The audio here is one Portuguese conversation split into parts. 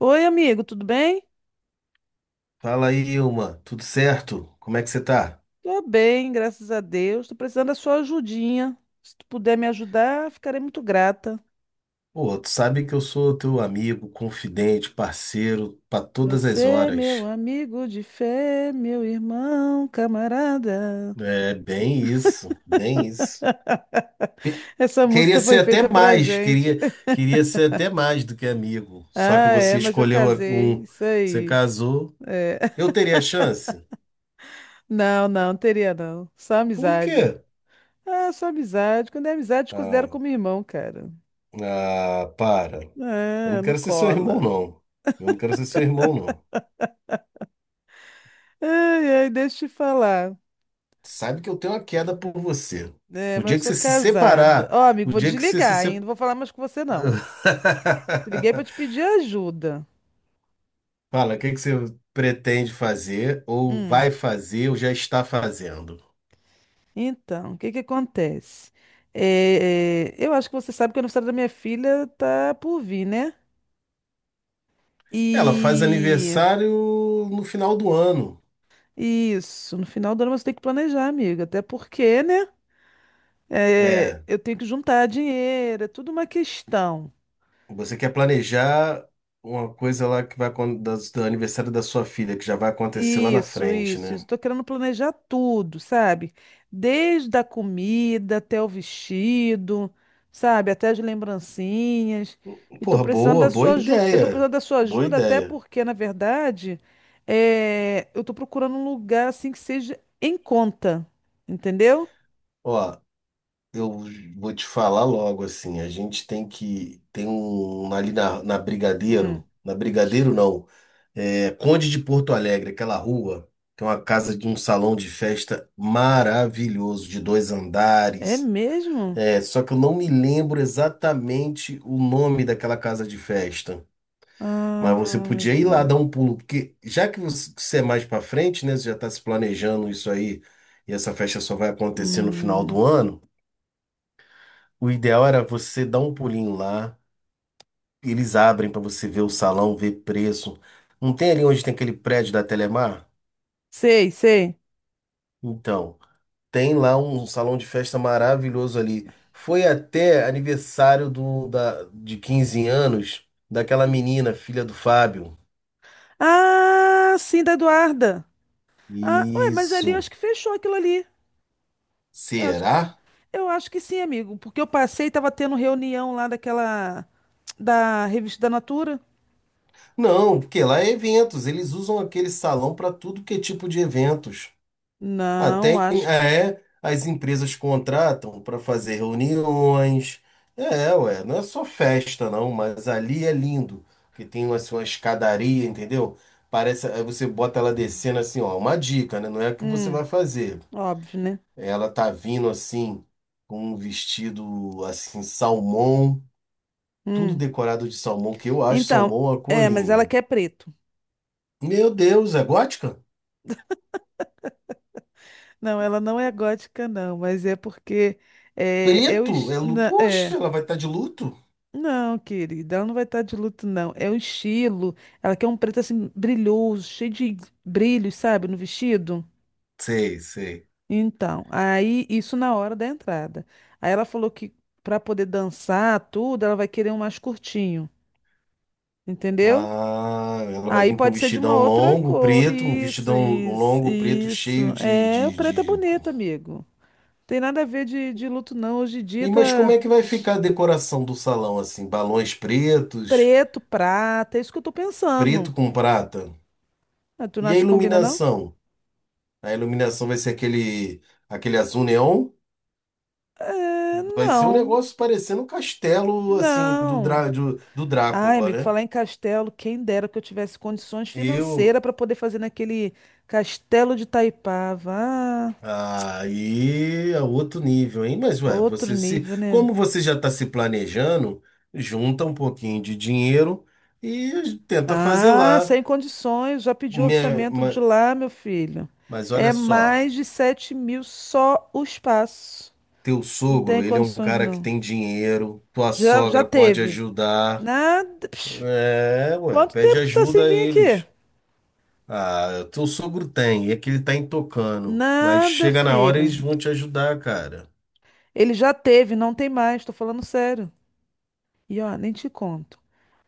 Oi, amigo, tudo bem? Fala aí, Ilma, tudo certo? Como é que você tá? Tô bem, graças a Deus. Tô precisando da sua ajudinha. Se tu puder me ajudar, ficarei muito grata. Pô, tu sabe que eu sou teu amigo, confidente, parceiro para todas as Você, meu horas. amigo de fé, meu irmão, camarada. É bem isso, bem isso. Essa Queria música ser foi até feita pra mais, gente. queria, queria ser até mais do que amigo. Só que Ah, é, você mas eu escolheu casei. um, Isso você aí. casou. É. Eu teria chance? Não, não, teria não. Só Por amizade. quê? Ah, só amizade. Quando é amizade, te considero Ah, como irmão, cara. ah, para. Eu não Ah, não quero ser seu irmão, cola. não. Eu não quero ser seu irmão, não. Ai, ai, deixa eu te falar. Sabe que eu tenho uma queda por você. É, O mas eu dia que sou você se casada. separar, Ó, amigo, o vou dia que você se desligar, hein? Não separar. vou falar mais com você, não. Te liguei pra te pedir ajuda. Fala, o que que você pretende fazer, ou Hum. vai fazer, ou já está fazendo? Então, o que que acontece? É, eu acho que você sabe que o aniversário da minha filha tá por vir, né? Ela faz E aniversário no final do ano, isso, no final do ano você tem que planejar, amiga. Até porque, né? É, né? eu tenho que juntar dinheiro, é tudo uma questão. Você quer planejar uma coisa lá que vai acon- da do aniversário da sua filha, que já vai acontecer lá na Isso, frente, isso, isso. né? Tô querendo planejar tudo, sabe? Desde a comida até o vestido, sabe? Até as lembrancinhas. E tô Porra, precisando boa, da boa sua ajuda. Eu tô ideia. precisando da sua Boa ajuda até ideia. porque, na verdade, é, eu tô procurando um lugar assim que seja em conta, entendeu? Ó. Eu vou te falar logo assim, a gente tem um ali na Hum. Brigadeiro, na Brigadeiro não, é Conde de Porto Alegre, aquela rua, tem uma casa de um salão de festa maravilhoso de dois É andares. mesmo? É, só que eu não me lembro exatamente o nome daquela casa de festa, mas você Ah, meu podia ir lá Deus. dar um pulo, porque já que você é mais pra frente, né, você já tá se planejando isso aí, e essa festa só vai acontecer no final Hum. do ano. O ideal era você dar um pulinho lá, eles abrem para você ver o salão, ver preço. Não tem ali onde tem aquele prédio da Telemar? Sei, sei. Então, tem lá um salão de festa maravilhoso ali. Foi até aniversário de 15 anos daquela menina, filha do Fábio. Ah, sim, da Eduarda. Ah, ué, mas ali eu acho Isso. que fechou aquilo ali. Eu acho que, Será? eu acho que sim, amigo, porque eu passei e tava tendo reunião lá daquela da revista da Natura. Não, porque lá é eventos. Eles usam aquele salão para tudo que é tipo de eventos. Ah, Não, tem, acho. é, as empresas contratam para fazer reuniões. É, ué, não é só festa, não, mas ali é lindo, que tem uma, assim, uma escadaria, entendeu? Parece, aí você bota ela descendo assim, ó, uma dica, né? Não é o que você Hum, vai fazer. óbvio, né? Ela tá vindo assim, com um vestido assim, salmão, tudo Hum. decorado de salmão, que eu acho Então, salmão uma cor é, mas ela linda. quer preto. Meu Deus, é gótica? Não, ela não é gótica, não, mas é porque é, eu. Preto? Es- É, lu- na- poxa, É. ela vai estar de luto? Não, querida, ela não vai estar de luto, não. É o estilo. Ela quer um preto assim, brilhoso, cheio de brilhos, sabe, no vestido. Sei, sei. Então, aí isso na hora da entrada. Aí ela falou que para poder dançar tudo, ela vai querer um mais curtinho, entendeu? Ah, ela vai Aí vir com um pode ser de uma vestidão outra longo, cor. preto, um Isso, vestidão isso, longo, preto, isso. cheio de, É, o de, preto é de... bonito, amigo. Tem nada a ver de luto, não. Hoje em dia E, mas como tá é que vai ficar a decoração do salão, assim? Balões pretos, preto, prata, é isso que eu tô pensando. preto com prata. Ah, tu não E a acha que combina, não? iluminação? A iluminação vai ser aquele azul neon? É, Vai ser um não, negócio parecendo um castelo, assim, do, não. Drá- do Ai, Drácula, amigo, né? falar em castelo, quem dera que eu tivesse condições Eu, financeiras para poder fazer naquele castelo de Taipava. Ah, aí é outro nível, hein? Mas, ué, outro você se, nível, né? como você já está se planejando, junta um pouquinho de dinheiro e tenta fazer Ah, lá. sem condições, já pedi Minha, orçamento de ma- lá, meu filho. mas olha É só, mais de 7 mil só o espaço. teu Não tem sogro, ele é um condições, cara que não. tem dinheiro, tua Já, já sogra pode teve. ajudar. Nada. Psh, É, ué, quanto pede tempo tu tá ajuda sem a vir aqui? eles. Ah, teu sogro tem, é que ele tá intocando. Mas Nada, chega na hora, filho. eles vão te ajudar, cara. Ele já teve, não tem mais, tô falando sério. E ó, nem te conto.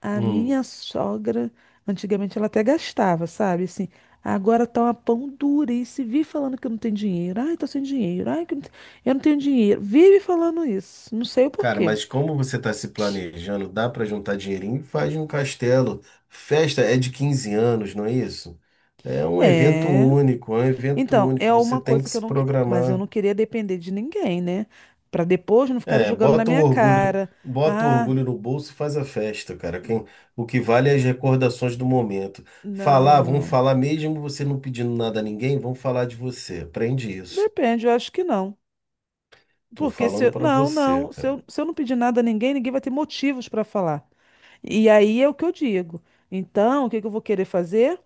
A minha Hum. sogra, antigamente ela até gastava, sabe? Assim, agora tá uma pão dura e se vive falando que não tem dinheiro. Ai, tô sem dinheiro. Ai, que não te- eu não tenho dinheiro. Vive falando isso. Não sei o Cara, porquê. mas como você está se planejando, dá para juntar dinheirinho e faz um castelo. Festa é de 15 anos, não é isso? É um evento É. único, é um evento Então, é único. Você uma tem coisa que que se eu não, que- mas eu programar. não queria depender de ninguém, né? Pra depois não ficar É, jogando na minha cara. bota o Ah, orgulho no bolso e faz a festa, cara. Quem, o que vale é as recordações do momento. não, Falar, vão não. falar mesmo você não pedindo nada a ninguém, vão falar de você. Aprende isso. Depende, eu acho que não. Tô Porque se falando eu... para Não, você, não. Se cara. eu, se eu não pedir nada a ninguém, ninguém vai ter motivos pra falar. E aí é o que eu digo. Então, o que que eu vou querer fazer?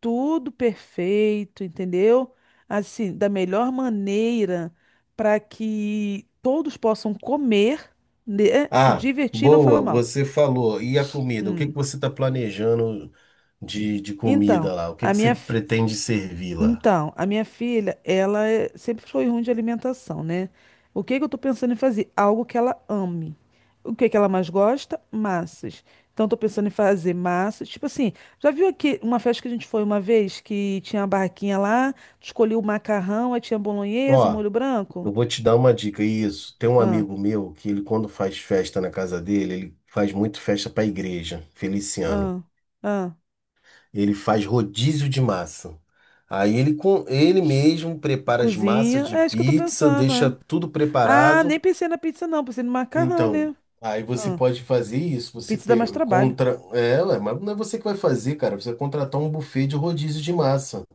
Tudo perfeito, entendeu? Assim, da melhor maneira para que todos possam comer, né, se Ah, divertir e não falar boa, mal. você falou. E a comida? O que que Hum. você está planejando de Então, comida lá? O que a que você minha, pretende servir lá? Então, a minha filha, ela é- sempre foi ruim de alimentação, né? O que que eu tô pensando em fazer? Algo que ela ame. O que que ela mais gosta? Massas. Então, eu tô pensando em fazer massas. Tipo assim, já viu aqui uma festa que a gente foi uma vez que tinha uma barraquinha lá, escolhi o macarrão, aí tinha bolonhesa, Ó, molho branco? eu vou te dar uma dica. Isso, tem um Ah, amigo meu que ele, quando faz festa na casa dele, ele faz muito festa para a igreja, Feliciano. ah, ah. Ele faz rodízio de massa. Aí ele, com, ele mesmo prepara as massas Cozinha. de É isso que eu tô pizza, pensando, deixa é. tudo Ah, preparado. nem pensei na pizza, não. Pensei no macarrão, né? Então, aí você Ah, pode fazer isso, você pizza dá pe- mais trabalho. contra ela, mas não é você que vai fazer, cara, você vai contratar um buffet de rodízio de massa.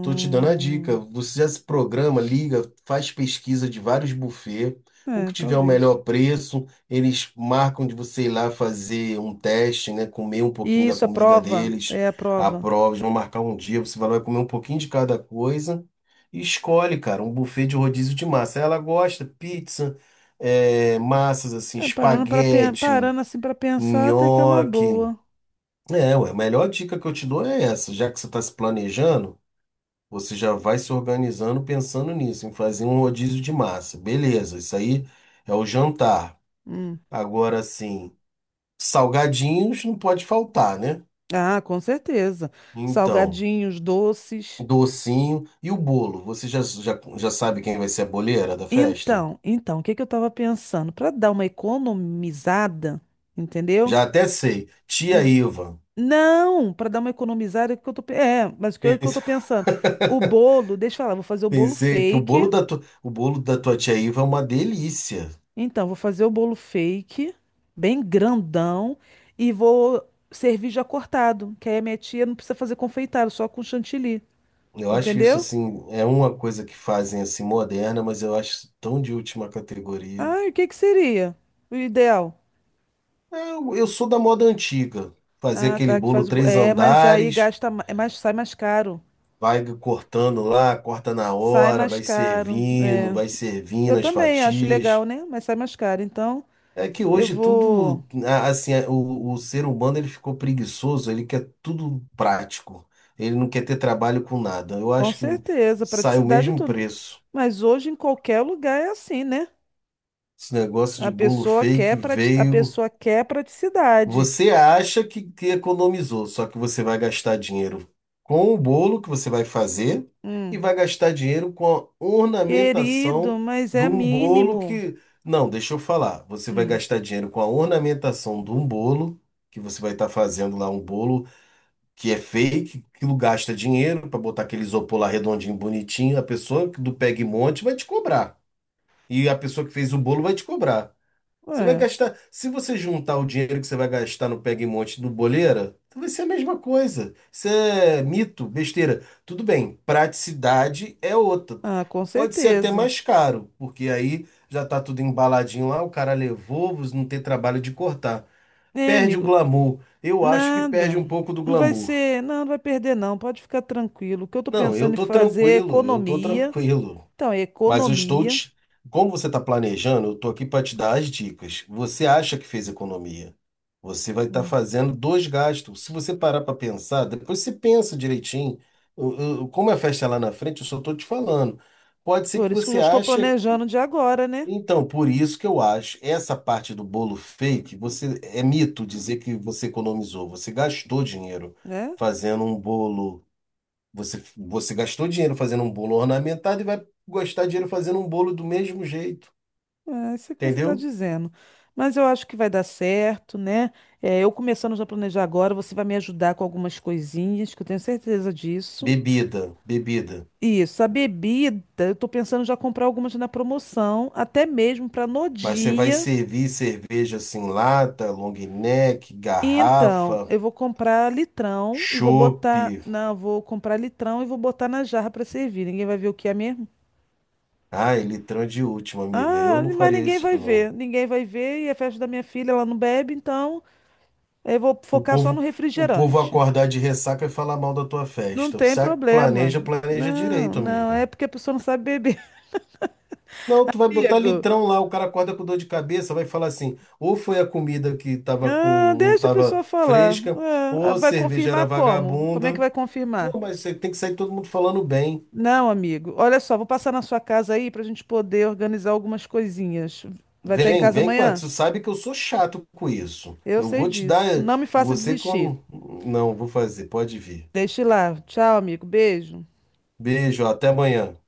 Tô te dando a dica. Você já se programa, liga, faz pesquisa de vários buffets. O É, que tiver o talvez. melhor preço, eles marcam de você ir lá fazer um teste, né? Comer um pouquinho E da isso, a comida prova. deles, É a a prova. prova, eles vão marcar um dia, você vai lá comer um pouquinho de cada coisa e escolhe, cara, um buffet de rodízio de massa. Ela gosta pizza, é, massas assim, É, espaguete, parando assim para pensar, até que é uma nhoque. boa. É, ué, a melhor dica que eu te dou é essa, já que você está se planejando. Você já vai se organizando pensando nisso, em fazer um rodízio de massa. Beleza, isso aí é o jantar. Hum. Agora sim, salgadinhos não pode faltar, né? Ah, com certeza. Então, Salgadinhos, doces. docinho e o bolo. Você já sabe quem vai ser a boleira da festa? Então, o que que eu estava pensando? Para dar uma economizada, entendeu? Já até sei. Tia N- Iva. não, para dar uma economizada, é o que que eu tô, pe- é, mas o que eu Pense- tô pensando? O bolo, deixa eu falar, vou fazer o bolo Pensei que o bolo fake. da tua, o bolo da tua tia Iva é uma delícia. Então, vou fazer o bolo fake, bem grandão, e vou servir já cortado, que aí a minha tia não precisa fazer confeitado, só com chantilly, Eu acho isso entendeu? assim, é uma coisa que fazem assim moderna, mas eu acho isso tão de última categoria. Ah, e o que que seria o ideal? Eu sou da moda antiga. Fazer Ah, aquele tá, que bolo faz o... bo- três É, mas aí andares, gasta, ma- é mais, sai mais caro. vai cortando lá, corta na Sai hora, mais caro. É. Vai Eu servindo as também acho legal, fatias. né? Mas sai mais caro. Então, É que eu hoje vou, tudo, a- assim, a- o ser humano ele ficou preguiçoso, ele quer tudo prático. Ele não quer ter trabalho com nada. Eu com acho que certeza, sai o praticidade e mesmo tudo. preço. Mas hoje em qualquer lugar é assim, né? Esse negócio A de bolo pessoa fake quer prati... a veio. pessoa quer praticidade. Você acha que economizou, só que você vai gastar dinheiro com o bolo que você vai fazer e Hum. vai gastar dinheiro com a Querido, ornamentação mas de é um bolo mínimo. que. Não, deixa eu falar. Você vai Hum. gastar dinheiro com a ornamentação de um bolo, que você vai estar fazendo lá um bolo que é fake, que gasta dinheiro para botar aquele isopor lá redondinho, bonitinho. A pessoa do Peg Monte vai te cobrar. E a pessoa que fez o bolo vai te cobrar. Você vai Ué. gastar. Se você juntar o dinheiro que você vai gastar no Pega e Monte do Boleira, então vai ser a mesma coisa. Isso é mito, besteira. Tudo bem, praticidade é outra. Ah, com Pode ser até certeza. mais caro, porque aí já tá tudo embaladinho lá, o cara levou, você não tem trabalho de cortar. É, Perde o amigo, glamour. Eu acho que perde nada. um pouco do Não vai glamour. ser, não, não vai perder, não. Pode ficar tranquilo. O que eu tô Não, eu pensando em tô fazer é tranquilo, eu tô economia. tranquilo. Então, é Mas eu estou economia. te... Como você está planejando, eu estou aqui para te dar as dicas. Você acha que fez economia? Você vai estar Hum. fazendo dois gastos. Se você parar para pensar, depois você pensa direitinho. Como a festa é lá na frente, eu só estou te falando. Pode ser que Por isso que eu você já estou ache. planejando de agora, né? Então, por isso que eu acho essa parte do bolo fake, você é mito dizer que você economizou. Você gastou dinheiro É, fazendo um bolo. Você gastou dinheiro fazendo um bolo ornamentado e vai gastar dinheiro fazendo um bolo do mesmo jeito, é isso é que você está entendeu? dizendo. Mas eu acho que vai dar certo, né? É, eu começando já a planejar agora, você vai me ajudar com algumas coisinhas, que eu tenho certeza disso. Bebida. Isso, a bebida, eu tô pensando já comprar algumas na promoção, até mesmo para no Mas você vai dia. servir cerveja assim, lata, long neck, Então, garrafa, eu vou comprar litrão e vou chope. botar, não, vou comprar litrão e vou botar na jarra para servir. Ninguém vai ver o que é mesmo? Ai, litrão de última, amiga. Eu Ah, não mas faria isso, não. ninguém vai ver e é festa da minha filha, ela não bebe, então eu vou O focar só no povo, o povo refrigerante. acordar de ressaca e falar mal da tua Não festa. tem Você problema. planeja, planeja Não, direito, não, amiga. é porque a pessoa não sabe beber, Não, tu vai botar amigo. litrão lá, o cara acorda com dor de cabeça, vai falar assim, ou foi a comida que tava com, Ah, não deixa a tava pessoa falar. fresca, ou Ah, a vai cerveja era confirmar como? Como é que vagabunda. vai confirmar? Pô, mas você tem que sair todo mundo falando bem. Não, amigo. Olha só, vou passar na sua casa aí para a gente poder organizar algumas coisinhas. Vai estar em Vem, casa vem com essa. amanhã? Tu sabe que eu sou chato com isso. Eu Eu sei vou te dar, disso. Não me faça você desistir. quando... Não, vou fazer, pode vir. Deixe lá. Tchau, amigo. Beijo. Beijo, até amanhã.